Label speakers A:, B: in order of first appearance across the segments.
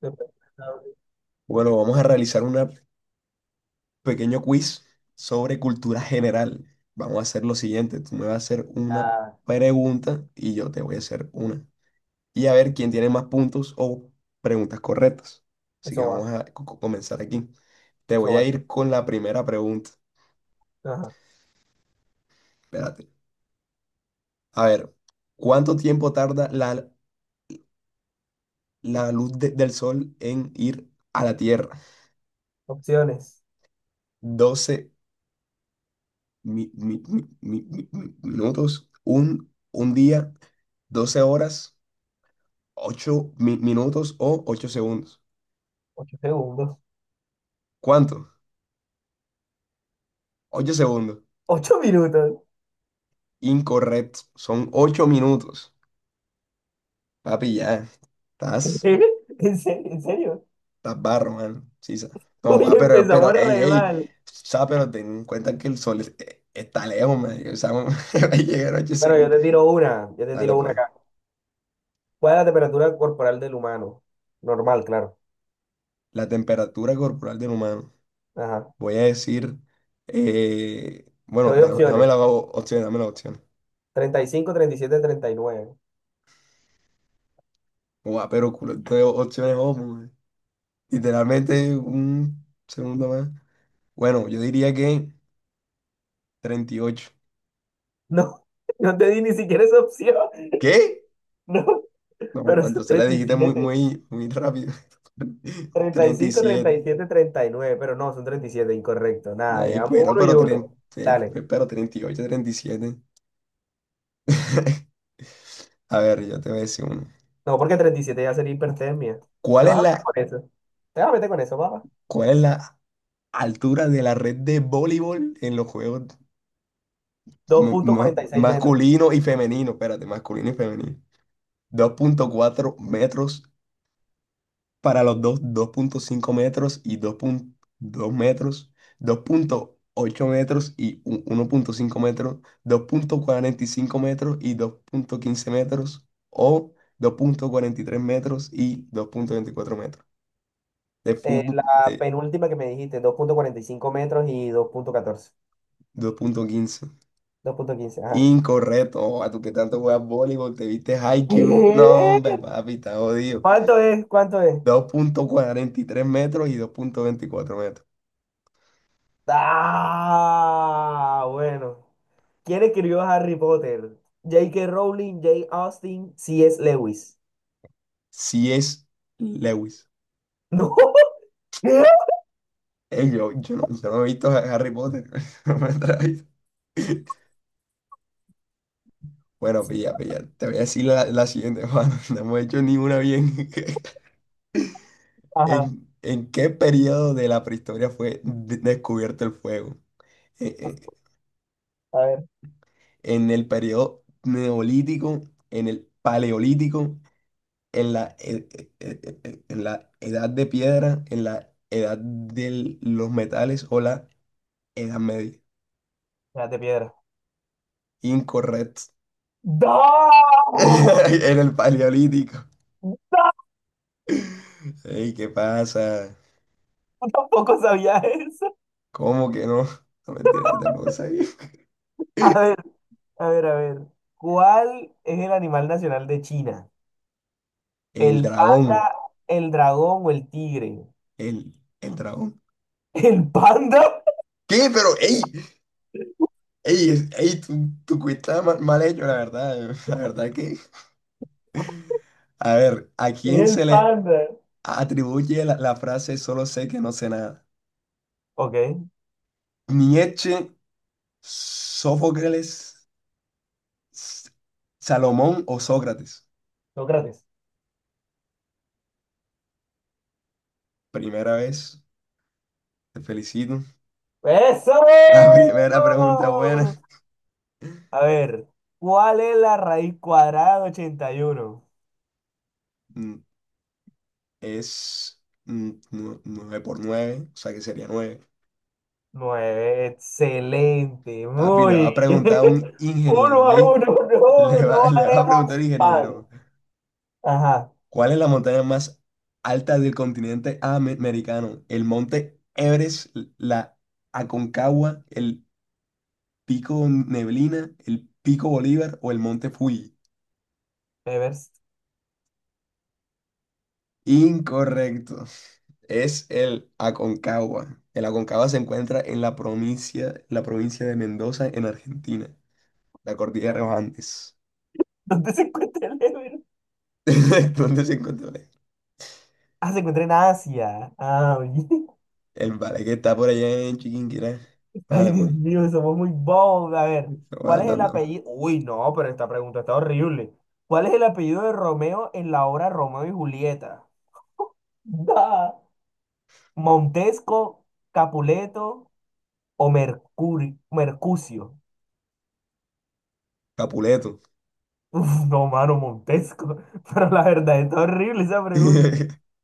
A: Después,
B: Bueno, vamos a realizar un pequeño quiz sobre cultura general. Vamos a hacer lo siguiente, tú me vas a hacer una
A: ah,
B: pregunta y yo te voy a hacer una. Y a ver quién tiene más puntos o preguntas correctas. Así que
A: eso
B: vamos
A: va,
B: a comenzar aquí. Te
A: eso
B: voy a
A: va.
B: ir con la primera pregunta.
A: Ajá.
B: Espérate. A ver, ¿cuánto tiempo tarda la luz del sol en ir a la Tierra?
A: Opciones.
B: Doce minutos, un día, 12 horas, 8 minutos o 8 segundos.
A: 8 segundos.
B: ¿Cuánto? Ocho segundos.
A: 8 minutos.
B: Incorrecto. Son ocho minutos. Papi, ya.
A: ¿En
B: Estás,
A: serio? ¿En serio?
B: estás barro, man. Sí. No,
A: Uy, empezamos
B: pero, ey,
A: re
B: ey.
A: mal.
B: O sea, pero ten en cuenta que el sol está lejos, man. O sea, va a llegar a 8
A: Bueno, yo
B: segundos.
A: te tiro una. Yo te
B: Dale,
A: tiro una
B: pues.
A: acá. ¿Cuál es la temperatura corporal del humano? Normal, claro.
B: La temperatura corporal del humano.
A: Ajá.
B: Voy a decir,
A: Te
B: bueno,
A: doy
B: dame la
A: opciones.
B: opción, dame la opción.
A: Treinta y cinco, treinta y siete, treinta y nueve.
B: Guau, pero culo, de opciones, oh, mu- literalmente un segundo más. Bueno, yo diría que treinta y ocho.
A: No, no te di ni siquiera esa opción.
B: ¿Qué?
A: No, pero
B: No,
A: son
B: entonces la
A: treinta y
B: dijiste muy,
A: siete.
B: muy, muy rápido.
A: treinta treinta y y
B: Treinta y
A: cinco treinta
B: siete.
A: y siete treinta y nueve pero no, son 37 incorrecto.
B: No,
A: Nada, llevamos uno y
B: pero,
A: uno. Dale.
B: pero 38, treinta y siete. A ver, yo te voy a decir uno.
A: No, porque 37 ya sería hipertermia. Te
B: ¿Cuál es
A: vas a meter
B: la,
A: con eso. Te vas a meter con eso, papá.
B: ¿cuál es la altura de la red de voleibol en los juegos?
A: dos punto cuarenta y seis metros.
B: Masculino y femenino, espérate, masculino y femenino. Dos punto cuatro metros para los dos, dos punto cinco metros y dos punto dos metros, dos punto ocho metros y uno punto cinco metros, dos punto cuarenta y cinco metros y dos punto quince metros o dos punto cuarenta y tres metros y dos punto veinticuatro metros. De fútbol,
A: La
B: de
A: penúltima que me dijiste, 2.45 metros y
B: dos punto quince.
A: 2.14. 2.15, ajá.
B: Incorrecto. Oh, a tú que tanto juegas voleibol, te viste high. No, hombre,
A: ¿Qué?
B: papi, está jodido.
A: ¿Cuánto es? ¿Cuánto es?
B: Dos punto cuarenta y tres metros y dos punto veinticuatro metros.
A: Ah, bueno. ¿Quién escribió Harry Potter? JK Rowling, J. Austin, C.S. Lewis.
B: Si es Lewis.
A: No. ¿Qué?
B: Yo no, yo no he visto a Harry Potter. No me atrae. Bueno, pilla, pilla. Te voy a decir la siguiente, Juan. No hemos hecho ninguna bien.
A: Ajá,
B: En qué periodo de la prehistoria fue descubierto el fuego? ¿En, en-
A: a ver,
B: en el periodo neolítico? ¿En el paleolítico? En la, e- e- e- e- en la edad de piedra, en la edad de los metales o la edad media.
A: las de piedra.
B: Incorrecto.
A: ¡No!
B: En el paleolítico. Ey, ¿qué pasa?
A: Tampoco sabía eso.
B: ¿Cómo que no? No mentira, yo tampoco sabía.
A: A ver, a ver, a ver. ¿Cuál es el animal nacional de China?
B: El
A: ¿El
B: dragón.
A: panda, el dragón o el tigre?
B: El, el dragón.
A: ¿El panda?
B: ¿Qué? Pero, ey, ey, tu quiz está mal, mal hecho, la verdad. La verdad que. A ver, ¿a
A: Es
B: quién se
A: el
B: le
A: panda.
B: atribuye la frase solo sé que no sé nada?
A: Ok,
B: Nietzsche, Sófocles, S- Salomón o Sócrates.
A: Sócrates.
B: Primera vez, te felicito.
A: ¡Eso!
B: La primera pregunta buena.
A: A ver, ¿cuál es la raíz cuadrada de 81?
B: Mm, es 9 por nueve, o sea que sería nueve.
A: Nueve, excelente,
B: Papi, le va
A: muy
B: a
A: bien.
B: preguntar a un
A: Uno
B: ingeniero,
A: a
B: ¿eh?
A: uno, no,
B: Le va,
A: no
B: le va a preguntar al
A: haremos pan.
B: ingeniero,
A: Ajá,
B: ¿cuál es la montaña más alta del continente americano? ¿El monte Everest, la Aconcagua, el Pico Neblina, el Pico Bolívar o el Monte Fuji?
A: Evers.
B: Incorrecto. Es el Aconcagua. El Aconcagua se encuentra en la provincia de Mendoza, en Argentina, la cordillera de los Andes.
A: ¿Dónde se encuentra el Evers?
B: ¿Dónde se encuentra?
A: Ah, se encuentra en Asia. Ah, bien.
B: El vale que está por allá en Chiquinquirá.
A: Ay,
B: Vale,
A: Dios
B: pues.
A: mío, somos muy bobos. A ver,
B: Lo voy
A: ¿cuál es el
B: andando.
A: apellido? Uy, no, pero esta pregunta está horrible. ¿Cuál es el apellido de Romeo en la obra Romeo y Julieta? Da. ¿Montesco, Capuleto o Mercuri, Mercucio?
B: Capuleto.
A: No, mano, Montesco. Pero la verdad, está horrible esa pregunta.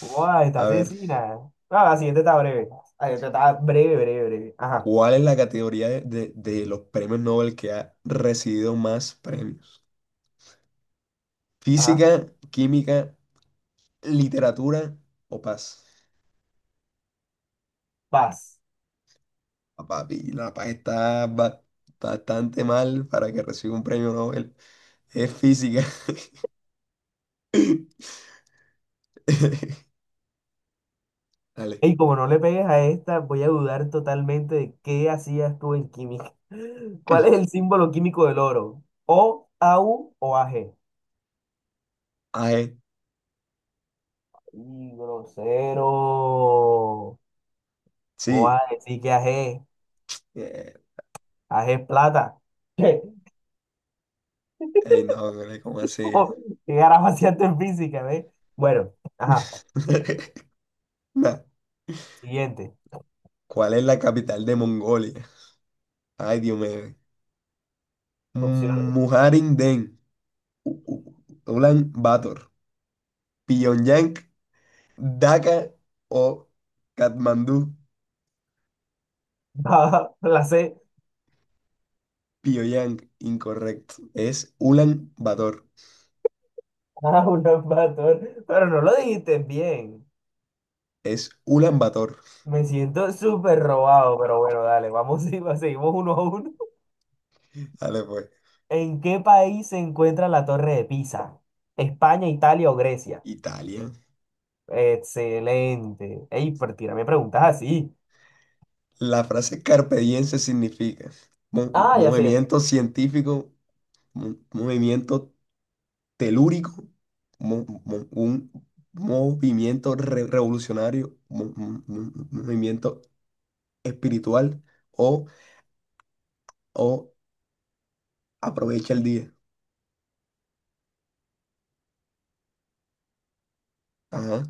A: Guau, está
B: A ver,
A: asesina. Ah, la siguiente está breve. La siguiente está breve, breve, breve. Ajá,
B: ¿cuál es la categoría de, de los premios Nobel que ha recibido más premios?
A: ajá.
B: Física, química, literatura o paz.
A: Vas.
B: Ah, Papi, la paz está bastante mal para que reciba un premio Nobel. Es física. Dale.
A: Y como no le pegues a esta, voy a dudar totalmente de qué hacías tú en química. ¿Cuál es el símbolo químico del oro? O, AU o AG.
B: Ah,
A: Y grosero. ¿Cómo
B: sí.
A: vas a decir que AG?
B: Eh,
A: AG es plata. ¿Qué?
B: ey, no, güey, ¿cómo así?
A: ¿Qué carajo hacías tú en física, ve? Bueno, ajá.
B: Nah.
A: Siguiente.
B: ¿Cuál es la capital de Mongolia? Ay, Dios mío.
A: Opción.
B: Mujarindén, U- U- Ulan Bator, Pyongyang, Dhaka o Katmandú.
A: A, la C.
B: Pyongyang, incorrecto. Es Ulan Bator.
A: Ah, un matón. Pero no lo dijiste bien.
B: Es Ulan Bator.
A: Me siento súper robado, pero bueno, dale, vamos, y- seguimos 1-1.
B: Dale pues.
A: ¿En qué país se encuentra la Torre de Pisa? ¿España, Italia o Grecia?
B: Italia.
A: Excelente. Ey, pero tírame preguntas así.
B: La frase carpe diem se significa
A: Ah, ya sé, ya sé.
B: movimiento científico, movimiento telúrico, un movimiento revolucionario, movimiento espiritual o, o aprovecha el día. Ajá.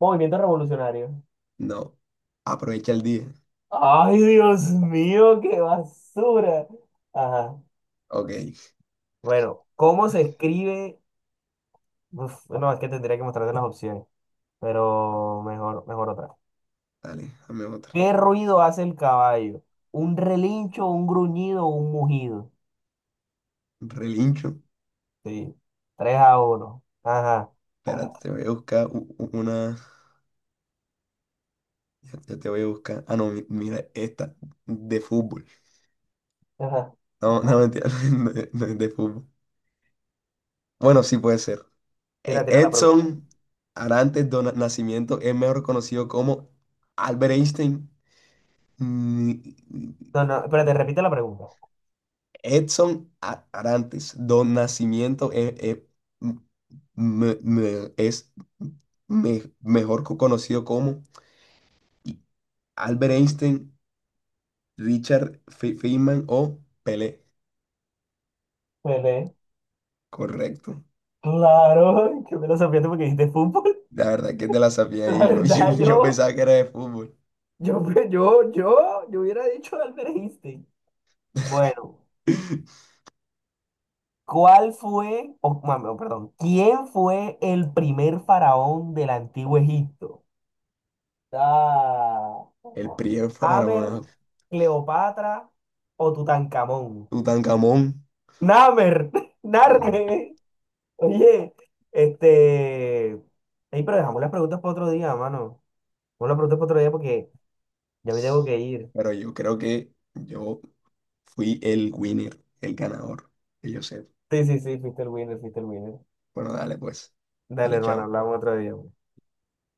A: Movimiento revolucionario.
B: No. Aprovecha el día.
A: Ay, Dios mío, qué basura. Ajá.
B: Ok.
A: Bueno, ¿cómo se escribe? Uf, no, es que tendría que mostrarte las opciones. Pero mejor, mejor otra.
B: Dale, dame otra.
A: ¿Qué ruido hace el caballo? ¿Un relincho, un gruñido o un mugido?
B: Relincho.
A: Sí, 3-1. Ajá.
B: Espérate, te voy a buscar una. Ya, ya te voy a buscar. Ah, no, mira, esta de fútbol.
A: Ajá.
B: No, no, mentira, no es no es de fútbol. Bueno, sí puede ser.
A: Tira, tira la pregunta, pues.
B: Edson Arantes do Nascimento es mejor conocido como Albert Einstein. Ni-
A: No, no, espérate, repite la pregunta.
B: Edson Arantes do Nascimento es me- me- es mejor conocido como Albert Einstein, Richard Feynman o Pelé.
A: Pelé.
B: Correcto.
A: Claro, qué filosofía porque dijiste fútbol.
B: La verdad que te la sabía
A: La
B: y yo,
A: verdad,
B: yo
A: yo,
B: pensaba que era de fútbol.
A: yo, yo hubiera dicho Albert Einstein. Bueno, ¿cuál fue, o, mami, oh, perdón, quién fue el primer faraón del antiguo Egipto? Ah,
B: El Priego fue para
A: Amer,
B: una
A: Cleopatra o Tutankamón.
B: Tutankamón.
A: Namer,
B: Mm,
A: Narme. Oye, este. Ey, pero dejamos las preguntas para otro día, mano. Dejamos las preguntas para otro día porque ya me tengo que ir.
B: pero yo creo que yo fui el winner, el ganador, que yo sé.
A: Sí, sí, sí, fuiste el winner, fuiste el winner.
B: Bueno, dale pues.
A: Dale,
B: Dale,
A: hermano,
B: chao.
A: hablamos otro día.